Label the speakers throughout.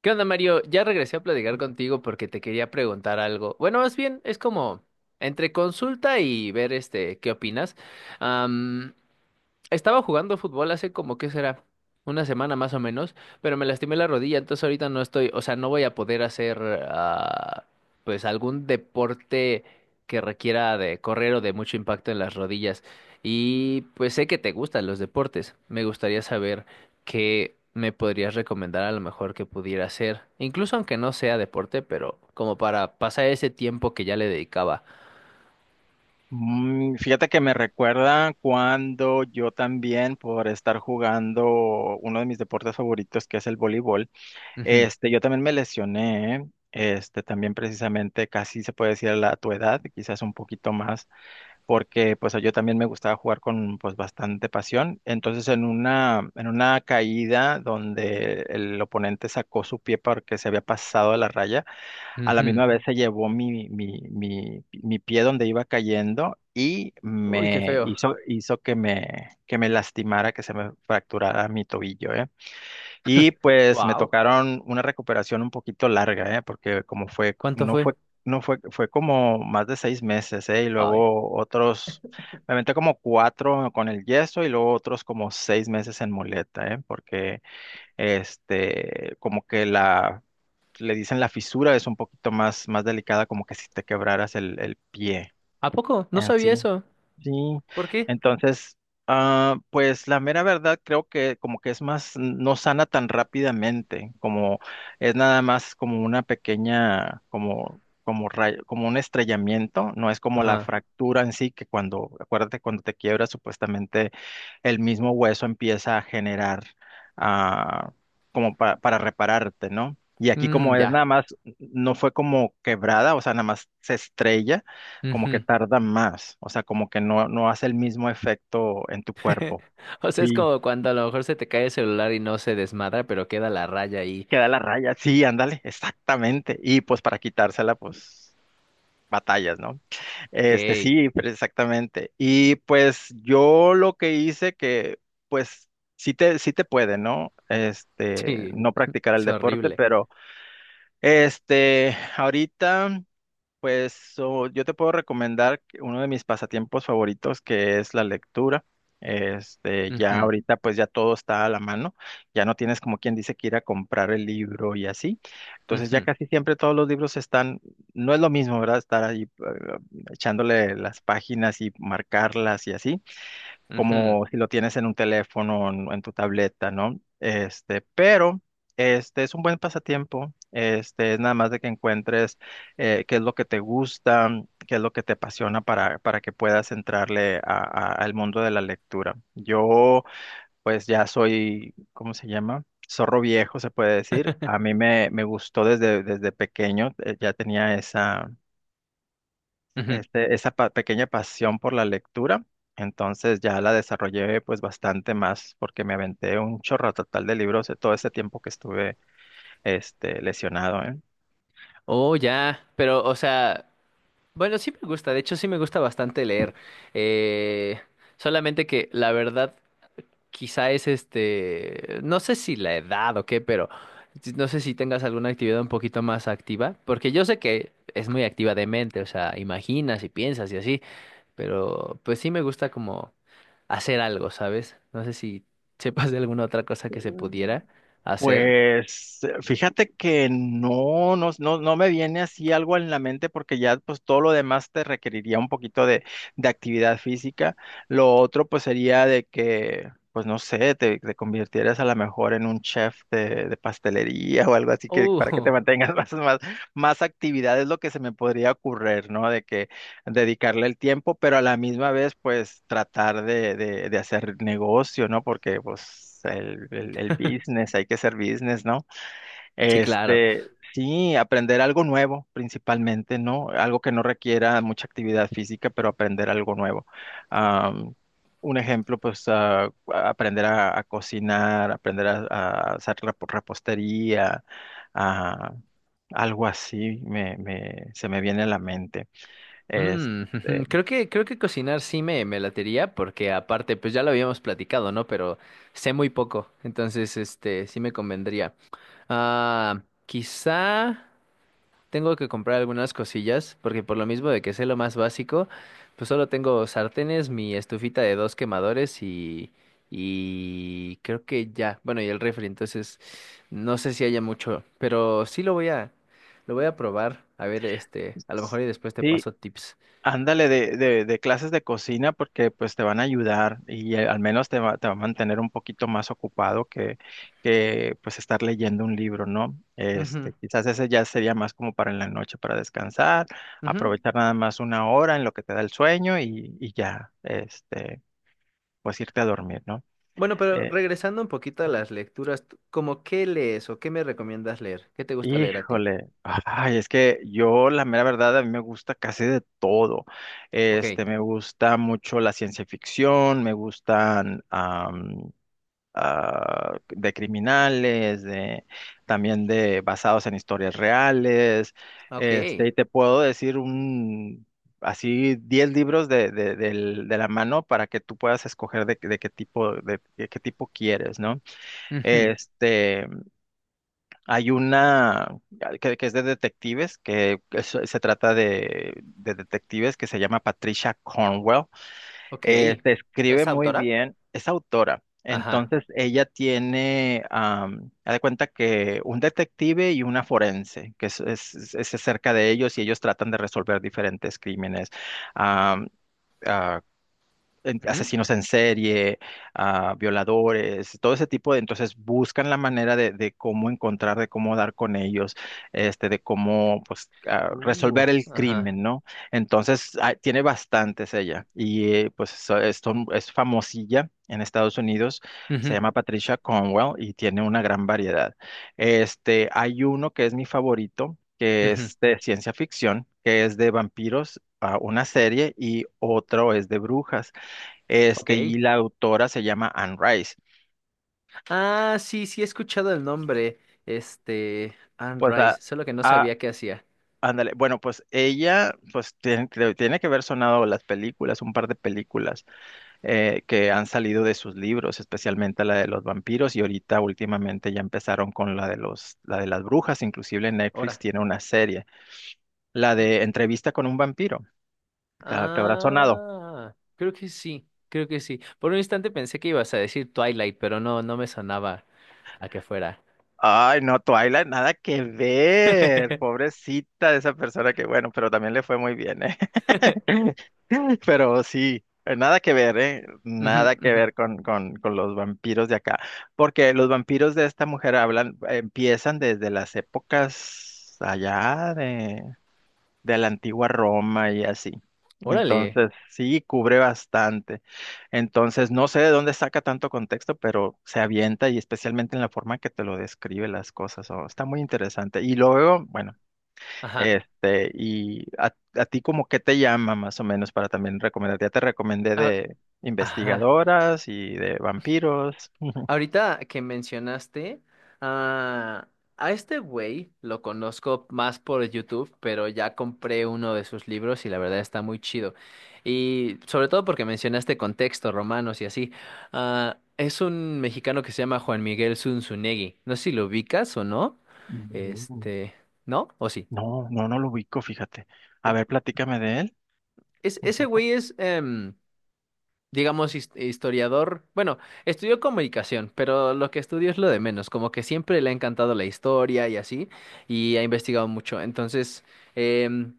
Speaker 1: ¿Qué onda, Mario? Ya regresé a platicar contigo porque te quería preguntar algo. Bueno, más bien es como entre consulta y ver qué opinas. Estaba jugando fútbol hace como, ¿qué será? Una semana más o menos, pero me lastimé la rodilla, entonces ahorita no estoy, o sea, no voy a poder hacer, ah, pues, algún deporte que requiera de correr o de mucho impacto en las rodillas. Y pues sé que te gustan los deportes. Me gustaría saber qué me podrías recomendar a lo mejor que pudiera hacer, incluso aunque no sea deporte, pero como para pasar ese tiempo que ya le dedicaba.
Speaker 2: Fíjate que me recuerda cuando yo también, por estar jugando uno de mis deportes favoritos, que es el voleibol,
Speaker 1: Ujú,
Speaker 2: yo también me lesioné, también precisamente casi se puede decir a tu edad, quizás un poquito más, porque pues yo también me gustaba jugar con pues bastante pasión. Entonces en una caída donde el oponente sacó su pie porque se había pasado a la raya, a la
Speaker 1: ujú.
Speaker 2: misma vez se llevó mi pie donde iba cayendo y
Speaker 1: Uy, qué
Speaker 2: me
Speaker 1: feo.
Speaker 2: hizo, hizo que me lastimara, que se me fracturara mi tobillo, ¿eh? Y pues me
Speaker 1: Wow.
Speaker 2: tocaron una recuperación un poquito larga, ¿eh? Porque como fue,
Speaker 1: ¿Cuánto
Speaker 2: no
Speaker 1: fue?
Speaker 2: fue, no fue, fue como más de 6 meses, ¿eh? Y
Speaker 1: Ay.
Speaker 2: luego otros, me aventé como cuatro con el yeso y luego otros como 6 meses en muleta, ¿eh? Porque como que le dicen la fisura es un poquito más, más delicada, como que si te quebraras el pie
Speaker 1: ¿A poco? No
Speaker 2: en
Speaker 1: sabía
Speaker 2: sí.
Speaker 1: eso.
Speaker 2: Sí,
Speaker 1: ¿Por qué?
Speaker 2: entonces, pues la mera verdad creo que como que es más, no sana tan rápidamente, como es nada más como una pequeña, como rayo, como un estrellamiento, no es como la
Speaker 1: Ajá.
Speaker 2: fractura en sí, que cuando, acuérdate, cuando te quiebras, supuestamente el mismo hueso empieza a generar, ah, como para repararte, ¿no? Y aquí
Speaker 1: Mm,
Speaker 2: como es
Speaker 1: ya.
Speaker 2: nada más, no fue como quebrada, o sea, nada más se estrella como que
Speaker 1: Ujú.
Speaker 2: tarda más, o sea, como que no hace el mismo efecto en tu cuerpo.
Speaker 1: O sea, es
Speaker 2: Sí,
Speaker 1: como cuando a lo mejor se te cae el celular y no se desmadra, pero queda la raya ahí.
Speaker 2: queda la raya, sí, ándale, exactamente. Y pues para quitársela, pues batallas, ¿no?
Speaker 1: Ok.
Speaker 2: Sí, pero exactamente. Y pues yo lo que hice que, pues, sí te puede, ¿no?
Speaker 1: Sí,
Speaker 2: No practicar el
Speaker 1: es
Speaker 2: deporte,
Speaker 1: horrible.
Speaker 2: pero ahorita. Pues yo te puedo recomendar que uno de mis pasatiempos favoritos que es la lectura. Ya
Speaker 1: Ujú,
Speaker 2: ahorita pues ya todo está a la mano, ya no tienes como quien dice que ir a comprar el libro y así. Entonces ya
Speaker 1: ujú,
Speaker 2: casi siempre todos los libros están, no es lo mismo, ¿verdad? Estar ahí echándole las páginas y marcarlas y así
Speaker 1: ujú,
Speaker 2: como si lo tienes en un teléfono, en tu tableta, ¿no? Pero este es un buen pasatiempo. Es nada más de que encuentres qué es lo que te gusta, qué es lo que te apasiona para que puedas entrarle al mundo de la lectura. Yo, pues ya soy, ¿cómo se llama? Zorro viejo, se puede decir. A mí me gustó desde pequeño, ya tenía esa,
Speaker 1: ujú.
Speaker 2: este, esa pa- pequeña pasión por la lectura. Entonces ya la desarrollé pues bastante más porque me aventé un chorro total de libros de todo ese tiempo que estuve lesionado, ¿eh?
Speaker 1: Oh, ya. Pero, o sea, bueno, sí me gusta. De hecho, sí me gusta bastante leer. Eh, solamente que la verdad, quizá es no sé si la edad o qué, pero no sé si tengas alguna actividad un poquito más activa, porque yo sé que es muy activa de mente, o sea, imaginas y piensas y así, pero pues sí me gusta como hacer algo, ¿sabes? No sé si sepas de alguna otra cosa que se pudiera hacer.
Speaker 2: Pues fíjate que no me viene así algo en la mente porque ya pues todo lo demás te requeriría un poquito de actividad física. Lo otro pues sería de que, pues no sé, te convirtieras a lo mejor en un chef de pastelería o algo así que para que te
Speaker 1: Uh,
Speaker 2: mantengas más actividad es lo que se me podría ocurrir, ¿no? De que dedicarle el tiempo, pero a la misma vez, pues tratar de hacer negocio, ¿no? Porque pues el business, hay que ser business, ¿no?
Speaker 1: sí, claro.
Speaker 2: Sí, aprender algo nuevo principalmente, ¿no? Algo que no requiera mucha actividad física, pero aprender algo nuevo. Am, un ejemplo, pues aprender a cocinar, aprender a hacer repostería, a... Algo así se me viene a la mente.
Speaker 1: Mm,
Speaker 2: Este,
Speaker 1: creo que cocinar sí me latería, porque aparte, pues ya lo habíamos platicado, ¿no? Pero sé muy poco, entonces, sí me convendría. Quizá tengo que comprar algunas cosillas, porque por lo mismo de que sé lo más básico, pues solo tengo sartenes, mi estufita de dos quemadores y creo que ya, bueno, y el refri, entonces no sé si haya mucho, pero sí lo voy a probar, a ver, a lo mejor y después te
Speaker 2: Sí,
Speaker 1: paso tips.
Speaker 2: ándale de clases de cocina porque pues te van a ayudar y al menos te va a mantener un poquito más ocupado que pues estar leyendo un libro, ¿no?
Speaker 1: Ujú,
Speaker 2: Quizás ese ya sería más como para en la noche, para descansar,
Speaker 1: ujú.
Speaker 2: aprovechar nada más una hora en lo que te da el sueño y ya, pues irte a dormir, ¿no?
Speaker 1: Bueno, pero regresando un poquito a las lecturas, ¿cómo qué lees o qué me recomiendas leer? ¿Qué te gusta leer a ti?
Speaker 2: Híjole, ay, es que yo la mera verdad a mí me gusta casi de todo.
Speaker 1: Ok,
Speaker 2: Me gusta mucho la ciencia ficción, me gustan de criminales, de también de basados en historias reales.
Speaker 1: ok,
Speaker 2: Y te puedo decir un así 10 libros de la mano para que tú puedas escoger de qué tipo quieres, ¿no?
Speaker 1: ujú,
Speaker 2: Este, hay una que es de detectives, se trata de detectives que se llama Patricia Cornwell.
Speaker 1: ok.
Speaker 2: Se escribe
Speaker 1: ¿Es
Speaker 2: muy
Speaker 1: autora?
Speaker 2: bien, es autora.
Speaker 1: Ajá.
Speaker 2: Entonces ella tiene, haz de cuenta que un detective y una forense, que es acerca de ellos y ellos tratan de resolver diferentes crímenes. Am, ah,
Speaker 1: Ujú.
Speaker 2: asesinos en serie, violadores, todo ese tipo de, entonces buscan la manera de cómo encontrar, de cómo dar con ellos, de cómo pues
Speaker 1: Uh,
Speaker 2: resolver el
Speaker 1: ajá.
Speaker 2: crimen, ¿no? Entonces tiene bastantes ella y pues es famosilla. En Estados Unidos se
Speaker 1: Ujú,
Speaker 2: llama Patricia Cornwell y tiene una gran variedad. Hay uno que es mi favorito, que
Speaker 1: ujú.
Speaker 2: es de ciencia ficción, que es de vampiros, una serie, y otro es de brujas.
Speaker 1: Ok.
Speaker 2: Y la autora se llama Anne Rice.
Speaker 1: Ah, sí, sí he escuchado el nombre, Anne
Speaker 2: Pues,
Speaker 1: Rice, solo que no
Speaker 2: a-
Speaker 1: sabía qué hacía.
Speaker 2: ándale, bueno, pues ella, pues tiene, tiene que haber sonado las películas, un par de películas que han salido de sus libros, especialmente la de los vampiros, y ahorita últimamente ya empezaron con la de las brujas, inclusive Netflix
Speaker 1: Ahora.
Speaker 2: tiene una serie, la de Entrevista con un vampiro, te habrá sonado.
Speaker 1: Ah, creo que sí, creo que sí. Por un instante pensé que ibas a decir Twilight, pero no, no me sonaba a que fuera.
Speaker 2: Ay, no, Twilight, nada que ver, pobrecita de esa persona que, bueno, pero también le fue muy bien, ¿eh? Pero sí, nada que ver, ¿eh?
Speaker 1: Ujú,
Speaker 2: Nada que
Speaker 1: ujú.
Speaker 2: ver con los vampiros de acá. Porque los vampiros de esta mujer hablan, empiezan desde las épocas allá de la antigua Roma y así.
Speaker 1: Órale.
Speaker 2: Entonces, sí, cubre bastante. Entonces, no sé de dónde saca tanto contexto, pero se avienta y especialmente en la forma que te lo describe las cosas. Oh, está muy interesante. Y luego, bueno.
Speaker 1: Ajá.
Speaker 2: Y a ti como qué te llama más o menos para también recomendar. Ya te recomendé
Speaker 1: Ah,
Speaker 2: de
Speaker 1: ajá.
Speaker 2: investigadoras y de vampiros.
Speaker 1: Ahorita que mencionaste, ah, a este güey lo conozco más por YouTube, pero ya compré uno de sus libros y la verdad está muy chido. Y sobre todo porque mencionaste contexto, romanos y así. Ah, es un mexicano que se llama Juan Miguel Zunzunegui. No sé si lo ubicas o no.
Speaker 2: No.
Speaker 1: Este, ¿No? ¿O sí?
Speaker 2: No, no, no lo ubico, fíjate. A ver, platícame de él un
Speaker 1: Ese
Speaker 2: poco.
Speaker 1: güey es, digamos, historiador. Bueno, estudió comunicación, pero lo que estudió es lo de menos, como que siempre le ha encantado la historia y así, y ha investigado mucho. Entonces, em,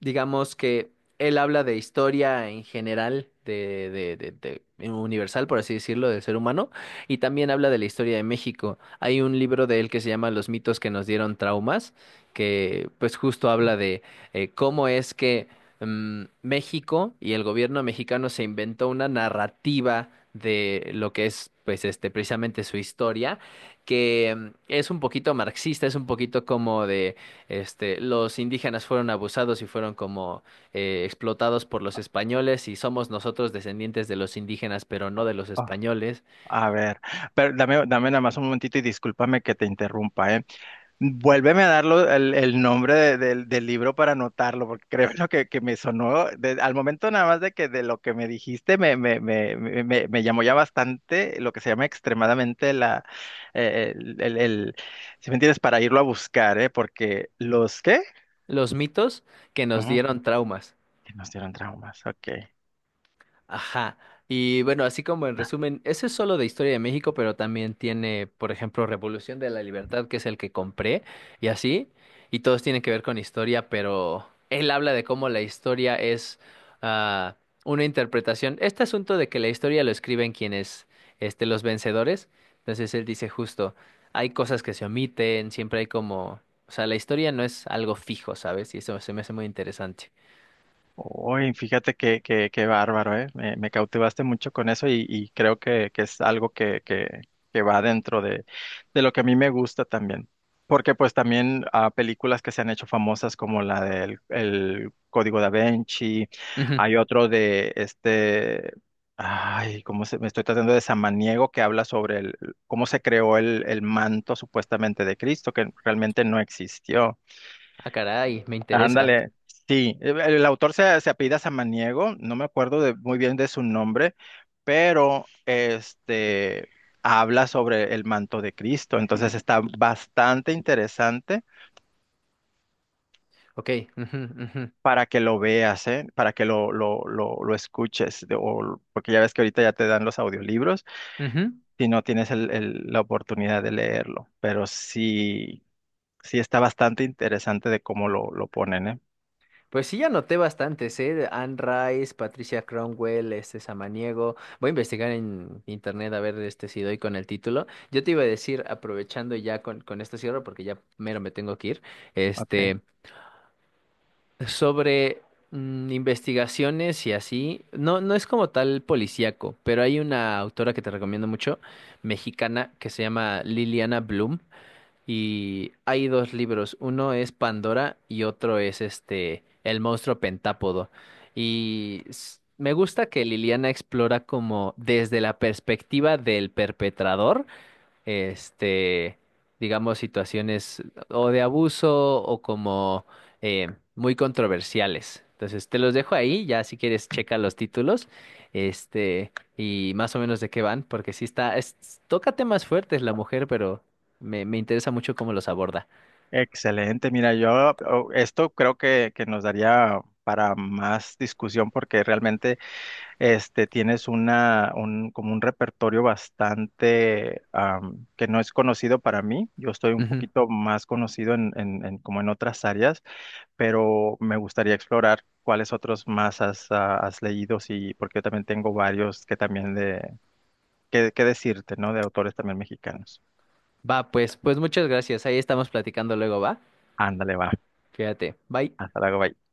Speaker 1: digamos que él habla de historia en general, en universal, por así decirlo, del ser humano, y también habla de la historia de México. Hay un libro de él que se llama Los mitos que nos dieron traumas, que pues justo habla de cómo es que México y el gobierno mexicano se inventó una narrativa de lo que es, pues, precisamente su historia, que es un poquito marxista, es un poquito como de, los indígenas fueron abusados y fueron como explotados por los españoles y somos nosotros descendientes de los indígenas, pero no de los
Speaker 2: Ah,
Speaker 1: españoles.
Speaker 2: a ver, pero dame nada más un momentito y discúlpame que te interrumpa, ¿eh? Vuélveme a darlo el nombre del libro para anotarlo, porque creo lo que me sonó, al momento nada más de que de lo que me dijiste me llamó ya bastante lo que se llama extremadamente la, eh, el, el, el- si me entiendes, para irlo a buscar, ¿eh? Porque los, ¿qué?
Speaker 1: Los mitos que nos
Speaker 2: Ujú,
Speaker 1: dieron traumas.
Speaker 2: que nos dieron traumas, ok.
Speaker 1: Ajá. Y bueno, así como en resumen, ese es solo de Historia de México, pero también tiene, por ejemplo, Revolución de la Libertad, que es el que compré, y así. Y todos tienen que ver con historia, pero él habla de cómo la historia es ah, una interpretación. Este asunto de que la historia lo escriben quienes, los vencedores. Entonces él dice justo, hay cosas que se omiten, siempre hay como, o sea, la historia no es algo fijo, ¿sabes? Y eso se me hace muy interesante.
Speaker 2: Uy, fíjate qué bárbaro, ¿eh? Me cautivaste mucho con eso y creo que es algo que va dentro de lo que a mí me gusta también. Porque pues también películas que se han hecho famosas como la del el Código da Vinci,
Speaker 1: Ujú.
Speaker 2: hay otro de ay, cómo se, me estoy tratando de Samaniego que habla sobre el, cómo se creó el manto supuestamente de Cristo, que realmente no existió.
Speaker 1: Ah, caray, me interesa.
Speaker 2: Ándale, sí, el autor se apellida Samaniego, no me acuerdo muy bien de su nombre, pero este habla sobre el manto de Cristo, entonces está bastante interesante
Speaker 1: Ok, ujú, ujú,
Speaker 2: para que lo veas, ¿eh? Para que lo escuches, porque ya ves que ahorita ya te dan los audiolibros,
Speaker 1: ujú.
Speaker 2: si no tienes la oportunidad de leerlo, pero sí está bastante interesante de cómo lo ponen, ¿eh?
Speaker 1: Pues sí, ya noté bastantes, ¿eh? Anne Rice, Patricia Cromwell, este Samaniego. Voy a investigar en internet a ver si doy con el título. Yo te iba a decir, aprovechando ya con esto cierro, porque ya mero me tengo que ir,
Speaker 2: Ok.
Speaker 1: este, sobre investigaciones y así. No, no es como tal policíaco, pero hay una autora que te recomiendo mucho, mexicana, que se llama Liliana Bloom. Y hay dos libros, uno es Pandora y otro es El monstruo pentápodo. Y me gusta que Liliana explora como desde la perspectiva del perpetrador este, digamos, situaciones o de abuso o como eh, muy controversiales. Entonces, te los dejo ahí, ya si quieres checa los títulos, este, y más o menos de qué van, porque sí toca temas fuertes la mujer, pero me interesa mucho cómo los aborda.
Speaker 2: Excelente, mira, esto creo que nos daría para más discusión porque realmente tienes como un repertorio bastante que no es conocido para mí. Yo estoy un
Speaker 1: Ujú.
Speaker 2: poquito más conocido como en otras áreas, pero me gustaría explorar cuáles otros más has leído y porque yo también tengo varios que también que decirte, ¿no? De autores también mexicanos.
Speaker 1: Va, pues muchas gracias. Ahí estamos platicando luego, ¿va?
Speaker 2: Ándale, va.
Speaker 1: Fíjate. Bye.
Speaker 2: Hasta luego, bye.